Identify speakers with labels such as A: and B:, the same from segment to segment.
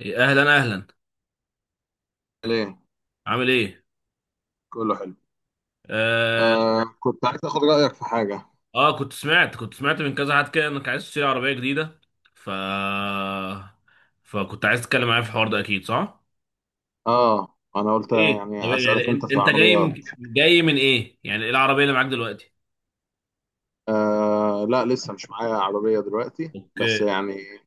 A: إيه، اهلا اهلا.
B: ليه.
A: عامل ايه؟
B: كله حلو.
A: آه,
B: آه، كنت عايز اخد رايك في حاجه.
A: اه كنت سمعت من كذا حد كده انك عايز تشتري عربيه جديده، ف فكنت عايز تتكلم معايا في الحوار ده اكيد صح.
B: اه، انا
A: طب
B: قلت
A: ايه؟ طب
B: يعني
A: إيه؟ يعني
B: اسالك انت في
A: انت
B: العربيات.
A: جاي من ايه؟ يعني ايه العربيه اللي معاك دلوقتي؟
B: آه، لا، لسه مش معايا عربيه دلوقتي
A: اوكي.
B: بس يعني.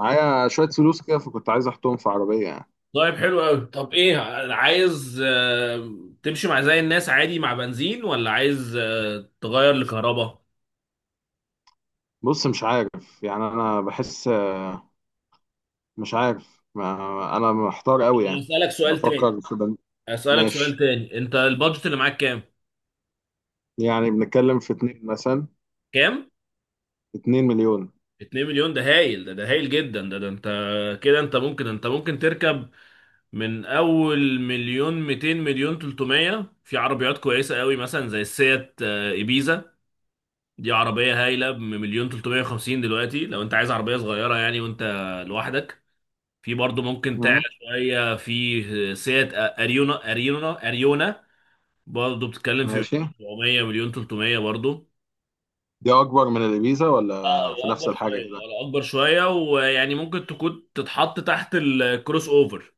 B: معايا شويه فلوس كده فكنت عايز احطهم في عربيه يعني.
A: طيب حلو قوي. طب ايه، عايز تمشي مع زي الناس عادي مع بنزين، ولا عايز تغير لكهرباء؟
B: بص، مش عارف يعني، انا بحس، مش عارف، ما انا محتار قوي يعني.
A: اسالك سؤال تاني،
B: بفكر في
A: اسالك سؤال
B: ماشي.
A: تاني، انت البادجت اللي معاك كام؟
B: يعني بنتكلم في اتنين مثلا.
A: كام؟
B: 2 مليون.
A: 2 مليون ده هايل، ده هايل جدا. ده انت ممكن تركب من اول مليون 200 مليون 300 في عربيات كويسة قوي، مثلا زي السيات، ايبيزا. دي عربية هايلة بمليون 350 دلوقتي، لو انت عايز عربية صغيرة يعني وانت لوحدك. في برضو ممكن تعلى
B: مم.
A: شوية. في سيات اريونا، برضو بتتكلم في
B: ماشي.
A: مليون 700 مليون 300 برضو.
B: دي اكبر من الابيزا
A: اه
B: ولا في
A: هو
B: نفس
A: اكبر
B: الحاجه
A: شويه،
B: كده؟
A: هو اكبر شويه، ويعني ممكن تكون تتحط تحت الكروس اوفر.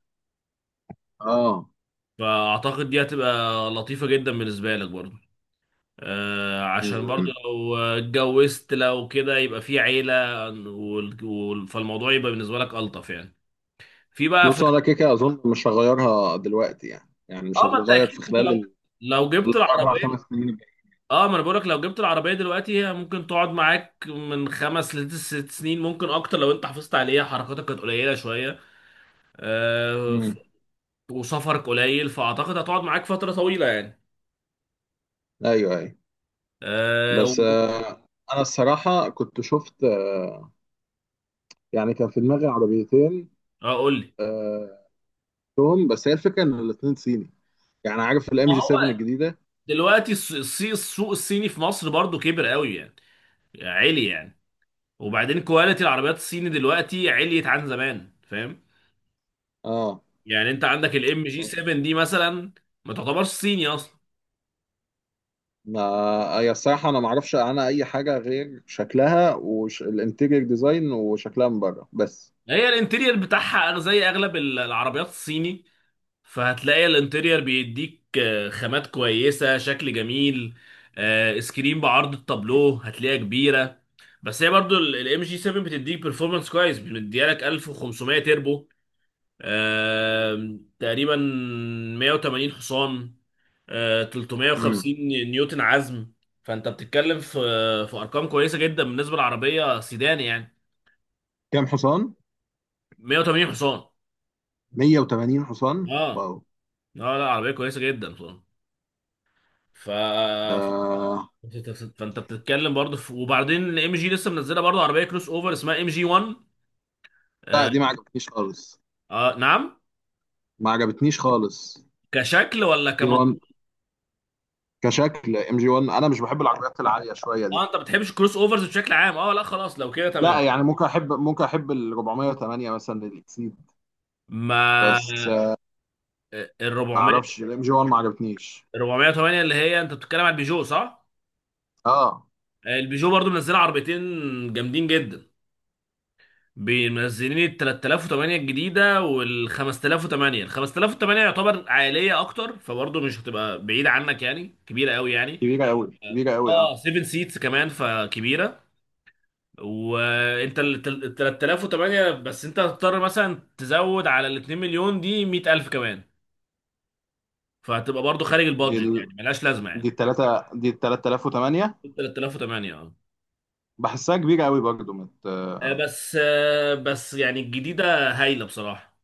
B: اه.
A: فاعتقد دي هتبقى لطيفه جدا بالنسبه لك برضو. آه، عشان برضو لو اتجوزت لو كده يبقى في عيله، فالموضوع يبقى بالنسبه لك الطف يعني. في بقى في
B: بص، انا كده كده اظن مش هغيرها دلوقتي يعني، مش
A: اه، ما انت
B: هتتغير في
A: اكيد انت
B: خلال
A: لو جبت
B: الاربع
A: العربيه،
B: خمس سنين الجايين.
A: اه ما انا بقولك لو جبت العربيه دلوقتي هي ممكن تقعد معاك من خمس لست سنين، ممكن اكتر لو انت حافظت عليها، حركاتك كانت قليله شويه، آه،
B: امم.
A: وسفرك قليل، فاعتقد هتقعد معاك فتره طويله يعني.
B: ايوه، ايوه.
A: أه
B: بس
A: و-
B: انا الصراحه كنت شفت، يعني كان في دماغي عربيتين.
A: قول لي.
B: آه، توم، بس هي الفكره ان الاثنين صيني. يعني عارف الام
A: ما
B: جي
A: هو
B: 7 الجديده.
A: دلوقتي السوق الصيني في مصر برضو كبر قوي يعني، عالي يعني. وبعدين كواليتي العربيات الصيني دلوقتي عليت عن زمان، فاهم؟
B: اه.
A: يعني انت عندك الام جي 7 دي مثلا ما تعتبرش صيني اصلا.
B: ما هي الصراحه انا ما اعرفش عنها اي حاجه غير شكلها والانتيريور ديزاين وشكلها من بره بس.
A: هي الانتيرير بتاعها زي اغلب العربيات الصيني. فهتلاقي الانتيرير بيديك خامات كويسة، شكل جميل، سكرين بعرض التابلو هتلاقيها كبيرة. بس هي برضو الام جي 7 بتديك performance كويس، بتديها لك 1500 تربو، تقريبا 180 حصان،
B: امم.
A: 350 نيوتن عزم. فانت بتتكلم في ارقام كويسة جدا بالنسبة للعربية سيدان يعني.
B: كام حصان؟
A: 180 حصان.
B: 180 حصان.
A: اه. اه
B: واو.
A: لا عربية كويسة جدا بصراحة. ف...
B: آه،
A: فانت بتتكلم برضه وبعدين ام جي لسه منزله برضه عربيه كروس اوفر اسمها ام جي 1.
B: لا،
A: آه...
B: دي ما عجبتنيش خالص.
A: اه نعم.
B: ما عجبتنيش خالص.
A: كشكل ولا
B: جي
A: كمطلوب؟
B: 1، كشكل ام جي 1 انا مش بحب العربيات العاليه شويه
A: اه
B: دي.
A: انت ما بتحبش كروس اوفرز بشكل عام، اه لا خلاص لو كده تمام.
B: لا، يعني ممكن احب ال 408 مثلا الاكسيد.
A: ما
B: بس
A: ال
B: ما
A: 400،
B: اعرفش الام جي 1 ما عجبتنيش.
A: 408 اللي هي انت بتتكلم على البيجو صح؟
B: اه،
A: البيجو برضه منزله عربيتين جامدين جدا، منزلين ال 3008 الجديده وال 5008. ال 5008 يعتبر عائليه اكتر، فبرضه مش هتبقى بعيده عنك يعني، كبيره قوي يعني.
B: كبيره قوي، كبيره قوي.
A: اه
B: اه،
A: 7 سيتس كمان فكبيره. وانت ال 3008، بس انت هتضطر مثلا تزود على ال 2 مليون دي 100,000 كمان، فهتبقى برضو خارج
B: دي ال...
A: البادجت يعني، ملهاش لازمه
B: دي
A: يعني.
B: التلاتة، دي ال 3008.
A: 3008 اه.
B: بحسها كبيره قوي برضه مت... آه،
A: بس يعني الجديده هايله بصراحه،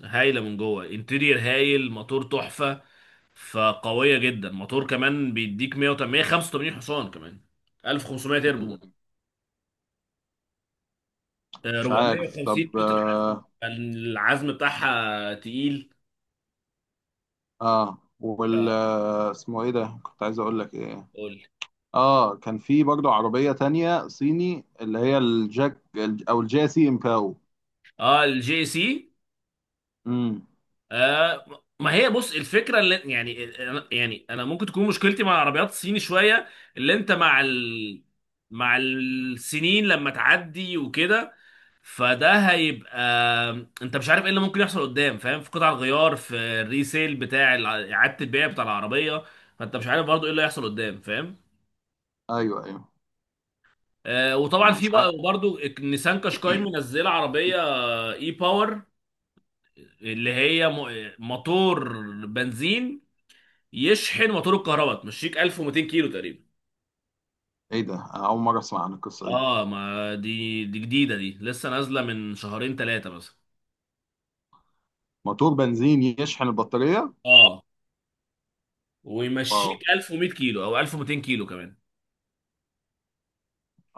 A: هايله من جوه، انتيرير هايل، موتور تحفه، فقويه جدا. موتور كمان بيديك 180 185 حصان كمان، 1500 تربو،
B: مش عارف.
A: 450
B: طب
A: نيوتن عزم،
B: اه,
A: فالعزم بتاعها تقيل.
B: آه. وال
A: لا،
B: آه، اسمه ايه ده؟ كنت عايز اقول لك ايه.
A: قول.
B: اه، كان في برضه عربية تانية صيني اللي هي الجاك او الجاسي امباو.
A: اه الجي سي.
B: امم.
A: آه ما هي بص، الفكره اللي يعني، يعني انا ممكن تكون مشكلتي مع العربيات الصيني شويه اللي انت مع السنين لما تعدي وكده، فده هيبقى انت مش عارف ايه اللي ممكن يحصل قدام فاهم، في قطع الغيار، في الريسيل بتاع اعاده البيع بتاع العربيه. فانت مش عارف برضو ايه اللي هيحصل قدام فاهم.
B: ايوه، ايوه.
A: آه،
B: ما
A: وطبعا
B: انا
A: في
B: مش
A: بقى
B: عارف.
A: برضو نيسان قشقاي منزله عربيه اي باور، اللي هي موتور بنزين يشحن موتور الكهرباء، تمشيك 1200 كيلو تقريبا.
B: ايه ده؟ انا اول مرة اسمع عن القصة دي.
A: اه ما دي، جديده، دي لسه نازله من شهرين ثلاثه مثلا.
B: موتور بنزين يشحن البطارية؟
A: اه
B: واو.
A: ويمشيك 1100 كيلو او 1200 كيلو كمان.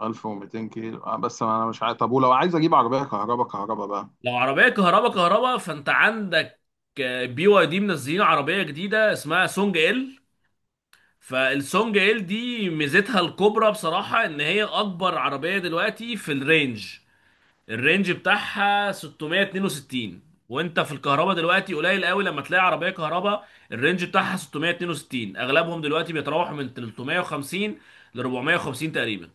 B: 1200 كيلو. بس ما انا مش عارف، طب ولو عايز اجيب عربية كهرباء كهرباء بقى؟
A: لو عربيه كهرباء كهرباء، فانت عندك بي واي دي منزلين عربيه جديده اسمها سونج ال. فالسونج ال دي ميزتها الكبرى بصراحه ان هي اكبر عربيه دلوقتي في الرينج. الرينج بتاعها 662. وانت في الكهرباء دلوقتي قليل قوي لما تلاقي عربيه كهرباء الرينج بتاعها 662. اغلبهم دلوقتي بيتراوحوا من 350 ل 450 تقريبا.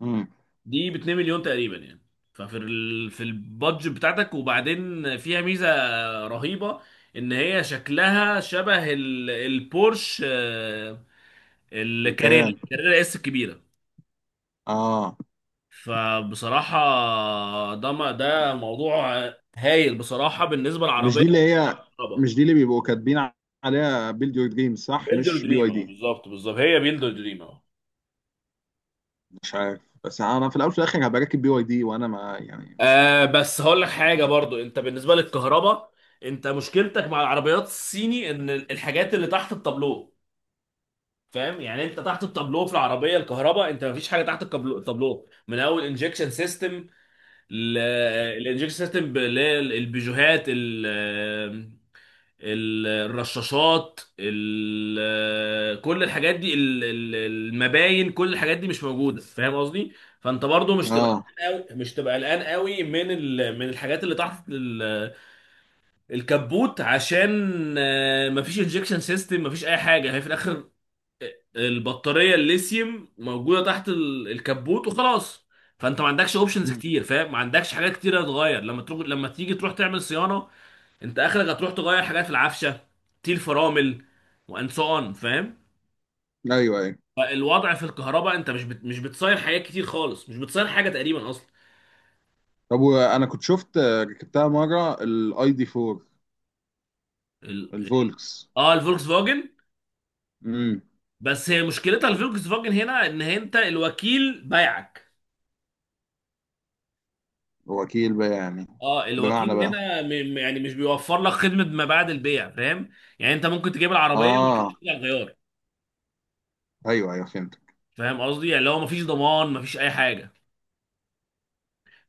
B: امم.
A: دي ب 2 مليون تقريبا يعني. ففي في البادجت بتاعتك. وبعدين فيها ميزه رهيبه ان هي شكلها شبه البورش،
B: الكيان.
A: الكاريرا اس الكبيره.
B: اه.
A: فبصراحة ده، ما ده موضوع هايل بصراحة بالنسبة
B: مش
A: للعربية.
B: دي اللي هي،
A: طبعا.
B: مش دي اللي بيبقوا كاتبين عليها بيلد يور دريم، صح؟
A: بيلدر
B: مش بي واي
A: دريم
B: دي؟
A: بالظبط، بالظبط هي بيلدر دريم.
B: مش عارف، بس انا في الاول وفي الاخر هبقى راكب بي واي دي وانا ما يعني.
A: آه بس هقول لك حاجة برضو، انت بالنسبة للكهرباء، انت مشكلتك مع العربيات الصيني ان الحاجات اللي تحت التابلو، فاهم يعني؟ انت تحت التابلو في العربية الكهرباء، انت مفيش حاجة تحت التابلو من اول انجكشن سيستم. الانجكشن سيستم اللي هي البيجوهات، الرشاشات، كل الحاجات دي، المباين، كل الحاجات دي مش موجوده، فاهم قصدي. فانت برضو مش تبقى
B: اه.
A: قلقان قوي، مش تبقى قلقان قوي من من الحاجات اللي تحت الكبوت، عشان مفيش انجكشن سيستم، مفيش اي حاجه، هي في الاخر البطاريه الليثيوم موجوده تحت الكبوت وخلاص. فانت ما عندكش اوبشنز
B: مم.
A: كتير فاهم، ما عندكش حاجات كتير هتتغير لما تروح، لما تيجي تروح تعمل صيانه. انت اخرك هتروح تغير حاجات في العفشه، تيل فرامل، وان سو اون فاهم.
B: ايوه، ايوه.
A: فالوضع في الكهرباء انت مش بتصير حاجات كتير خالص، مش بتصير حاجه تقريبا اصلا.
B: طب وانا كنت شفت، ركبتها مره الاي دي 4،
A: ال... ال-
B: الفولكس.
A: اه الفولكس فاجن.
B: امم.
A: بس هي مشكلتها الفولكس فاجن هنا، ان انت الوكيل بيعك.
B: وكيل بقى يعني؟
A: اه
B: بمعنى
A: الوكيل
B: بقى؟
A: هنا يعني مش بيوفر لك خدمه ما بعد البيع فاهم. يعني انت ممكن تجيب العربيه وما
B: اه.
A: تلاقيش فيها غيار.
B: ايوه، ايوه، فهمت.
A: فاهم قصدي؟ يعني لو مفيش ضمان مفيش اي حاجه.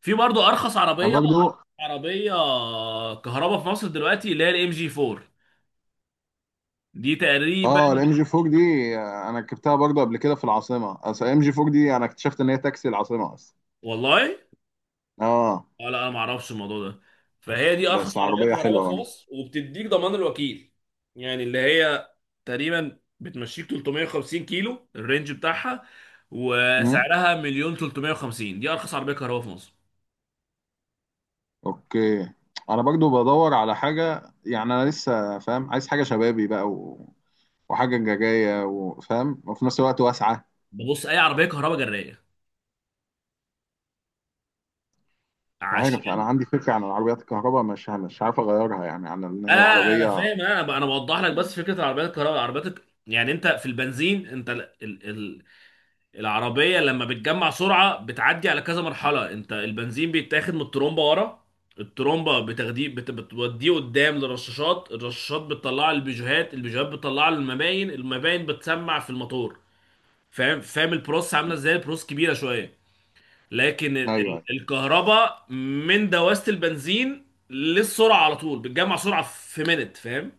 A: في برضه ارخص
B: انا
A: عربيه،
B: برضو.
A: عربيه كهرباء في مصر دلوقتي اللي هي الام جي 4، دي تقريبا.
B: اه، الام جي 4 دي، انا ركبتها برضو قبل كده في العاصمه. اصل الام جي 4 دي انا اكتشفت ان هي تاكسي العاصمه اصلا.
A: والله.
B: اه،
A: اه لا انا ما اعرفش الموضوع ده. فهي دي
B: بس
A: ارخص عربيه
B: عربيه
A: كهرباء
B: حلوه
A: في
B: برضه.
A: مصر وبتديك ضمان الوكيل يعني. اللي هي تقريبا بتمشيك 350 كيلو الرينج بتاعها،
B: مم.
A: وسعرها مليون 350. دي ارخص عربيه كهرباء في مصر.
B: اوكي. انا برضو بدور على حاجه، يعني انا لسه فاهم، عايز حاجه شبابي بقى وحاجه جايه وفاهم، وفي نفس الوقت واسعه.
A: ببص اي عربيه كهرباء جرايه،
B: عارف،
A: عشان
B: انا عندي فكره عن العربيات الكهرباء، مش عارف اغيرها يعني عن ان هي
A: انا
B: عربيه.
A: فاهم، انا بوضح لك بس. فكره العربيات الكهرباء يعني انت في البنزين انت العربية لما بتجمع سرعة بتعدي على كذا مرحلة، انت البنزين بيتاخد من الترومبة ورا، الترومبة بتاخديه، بتوديه قدام للرشاشات، الرشاشات بتطلع البيجوهات، البيجوهات بتطلع المباين، المباين بتسمع في الموتور، فاهم. فاهم البروس عاملة ازاي، البروس كبيرة شوية، لكن
B: ايوه،
A: الكهرباء من دواسة البنزين للسرعة على طول بتجمع سرعة في منت، فاهم.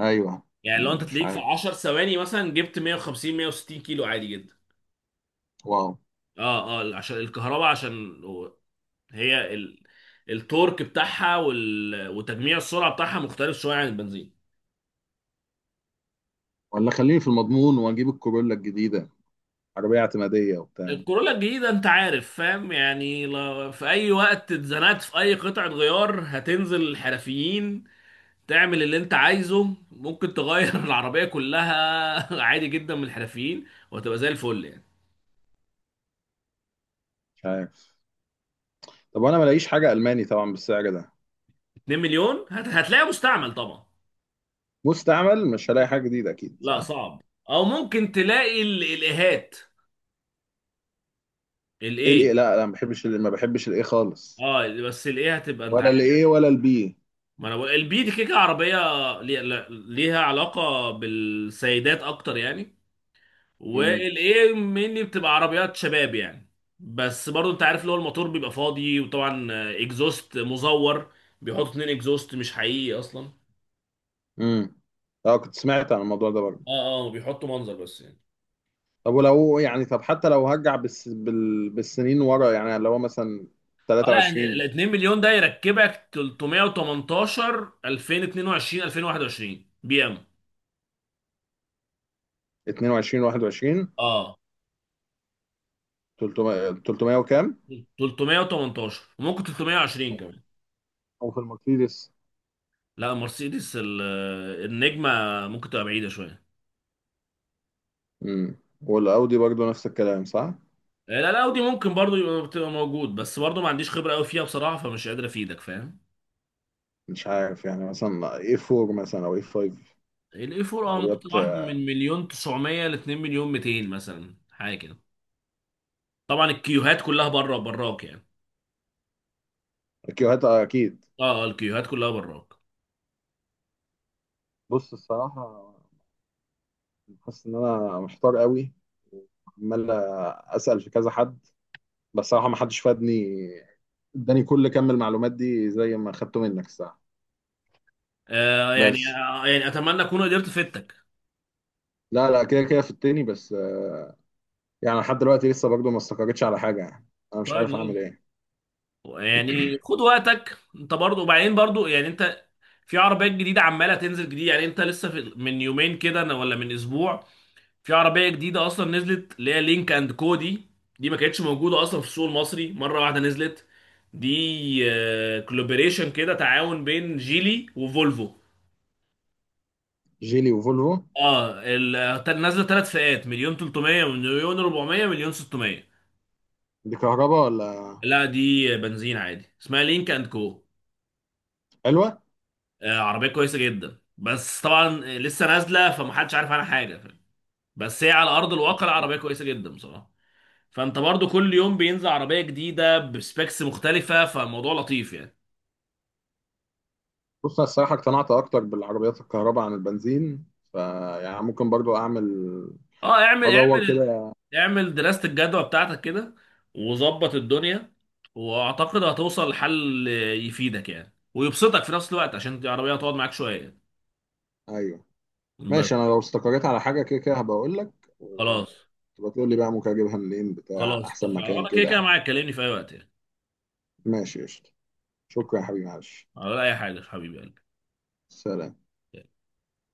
B: ايوه.
A: يعني لو انت
B: مش
A: تلاقيك في
B: عارف.
A: 10 ثواني مثلا جبت 150 160 كيلو عادي جدا.
B: واو.
A: اه اه عشان الكهرباء، عشان هي التورك بتاعها وتجميع السرعه بتاعها مختلف شويه عن البنزين.
B: ولا خليني في المضمون واجيب الكورولا الجديده، عربيه اعتماديه وبتاع.
A: الكورولا الجديدة انت عارف فاهم يعني، لو في اي وقت اتزنقت في اي قطعة غيار هتنزل الحرفيين تعمل اللي انت عايزه، ممكن تغير العربية كلها عادي جدا من الحرفيين وهتبقى زي الفل يعني.
B: مش عارف. طب وانا ما الاقيش حاجه الماني طبعا بالسعر ده؟
A: 2 مليون هتلاقيها مستعمل طبعا.
B: مستعمل، مش هلاقي
A: آه،
B: حاجه جديده، اكيد،
A: لا
B: صح؟
A: صعب. او ممكن تلاقي الاهات،
B: ايه
A: الايه.
B: الايه؟ لا، لا، ما بحبش الايه خالص.
A: اه بس الايه هتبقى انت
B: ولا
A: عارف.
B: الايه، ولا البي.
A: ما انا بقول البي دي كيكه عربيه ليها علاقه بالسيدات اكتر يعني.
B: امم.
A: والايه مني بتبقى عربيات شباب يعني. بس برضو انت عارف اللي هو الموتور بيبقى فاضي، وطبعا اكزوست مزور، بيحطوا اتنين اكزوست مش حقيقي اصلا.
B: امم. اه، كنت سمعت عن الموضوع ده برضه.
A: اه اه بيحطوا منظر بس يعني.
B: طب ولو يعني، حتى لو هرجع بالسنين ورا، يعني اللي هو مثلا
A: اه لا
B: 23،
A: 2 مليون ده يركبك 318 2022 2021 بي ام،
B: 22، 21.
A: اه
B: 300، 300 وكام؟
A: 318 وممكن 320 كمان.
B: او في المرسيدس.
A: لا مرسيدس النجمة ممكن تبقى بعيدة شوية.
B: امم. والاودي برضه نفس الكلام، صح؟
A: لا لا، اودي ممكن برضو يبقى، بتبقى موجود، بس برضو ما عنديش خبرة قوي فيها بصراحة فمش قادر افيدك فاهم.
B: مش عارف، يعني مثلا اي 4 مثلا او اي 5.
A: الاي 4 اه ممكن
B: عربيات.
A: تروح من مليون 900 ل 2 مليون 200 مثلا حاجة كده. طبعا الكيوهات كلها بره براك يعني.
B: كيوهات اكيد.
A: اه الكيوهات كلها براك.
B: بص، الصراحه حاسس ان انا محتار قوي. عمال اسال في كذا حد، بس صراحه ما حدش فادني، اداني كل كم المعلومات دي زي ما خدته منك الصراحه.
A: آه يعني،
B: بس.
A: آه يعني اتمنى اكون قدرت افيدتك.
B: لا، لا، كده كده في التاني، بس يعني لحد دلوقتي لسه برضه ما استقرتش على حاجة يعني. أنا مش
A: طيب
B: عارف
A: زي
B: أعمل
A: الفل.
B: إيه؟
A: يعني خد وقتك انت برضو، وبعدين برضو يعني انت في عربيات جديدة عمالة تنزل جديد يعني، انت لسه في من يومين كده، ولا من اسبوع، في عربيه جديده اصلا نزلت اللي هي لينك اند كو دي. دي ما كانتش موجوده اصلا في السوق المصري، مره واحده نزلت دي. كولابوريشن كده، تعاون بين جيلي وفولفو.
B: جيلي وفولفو.
A: اه نازله ثلاث فئات: مليون 300 مليون 400 مليون 600.
B: دي كهرباء ولا؟
A: لا دي بنزين عادي اسمها لينك اند كو.
B: حلوة.
A: آه عربيه كويسه جدا، بس طبعا لسه نازله فمحدش عارف عنها حاجه، بس هي على ارض الواقع لا، عربيه كويسه جدا بصراحه. فانت برضو كل يوم بينزل عربيه جديده بسبيكس مختلفه، فالموضوع لطيف يعني.
B: بص، أنا الصراحة اقتنعت أكتر بالعربيات الكهرباء عن البنزين. فيعني ممكن برضه أعمل،
A: اه اعمل
B: أدور
A: اعمل،
B: كده.
A: اعمل دراسه الجدوى بتاعتك كده وظبط الدنيا، واعتقد هتوصل لحل يفيدك يعني ويبسطك في نفس الوقت، عشان العربيه هتقعد معاك شويه يعني.
B: أيوه.
A: بس.
B: ماشي، أنا لو استقريت على حاجة كده كده هبقى أقول لك،
A: خلاص،
B: وتبقى تقول لي بقى ممكن أجيبها منين، بتاع
A: خلاص
B: أحسن
A: اتفقنا،
B: مكان
A: وانا كده
B: كده
A: كده
B: يعني.
A: معاك، كلمني في اي وقت يعني.
B: ماشي، قشطة. شكرا يا حبيبي، معلش.
A: ولا اي حاجه يا حبيبي قلبي.
B: سلام.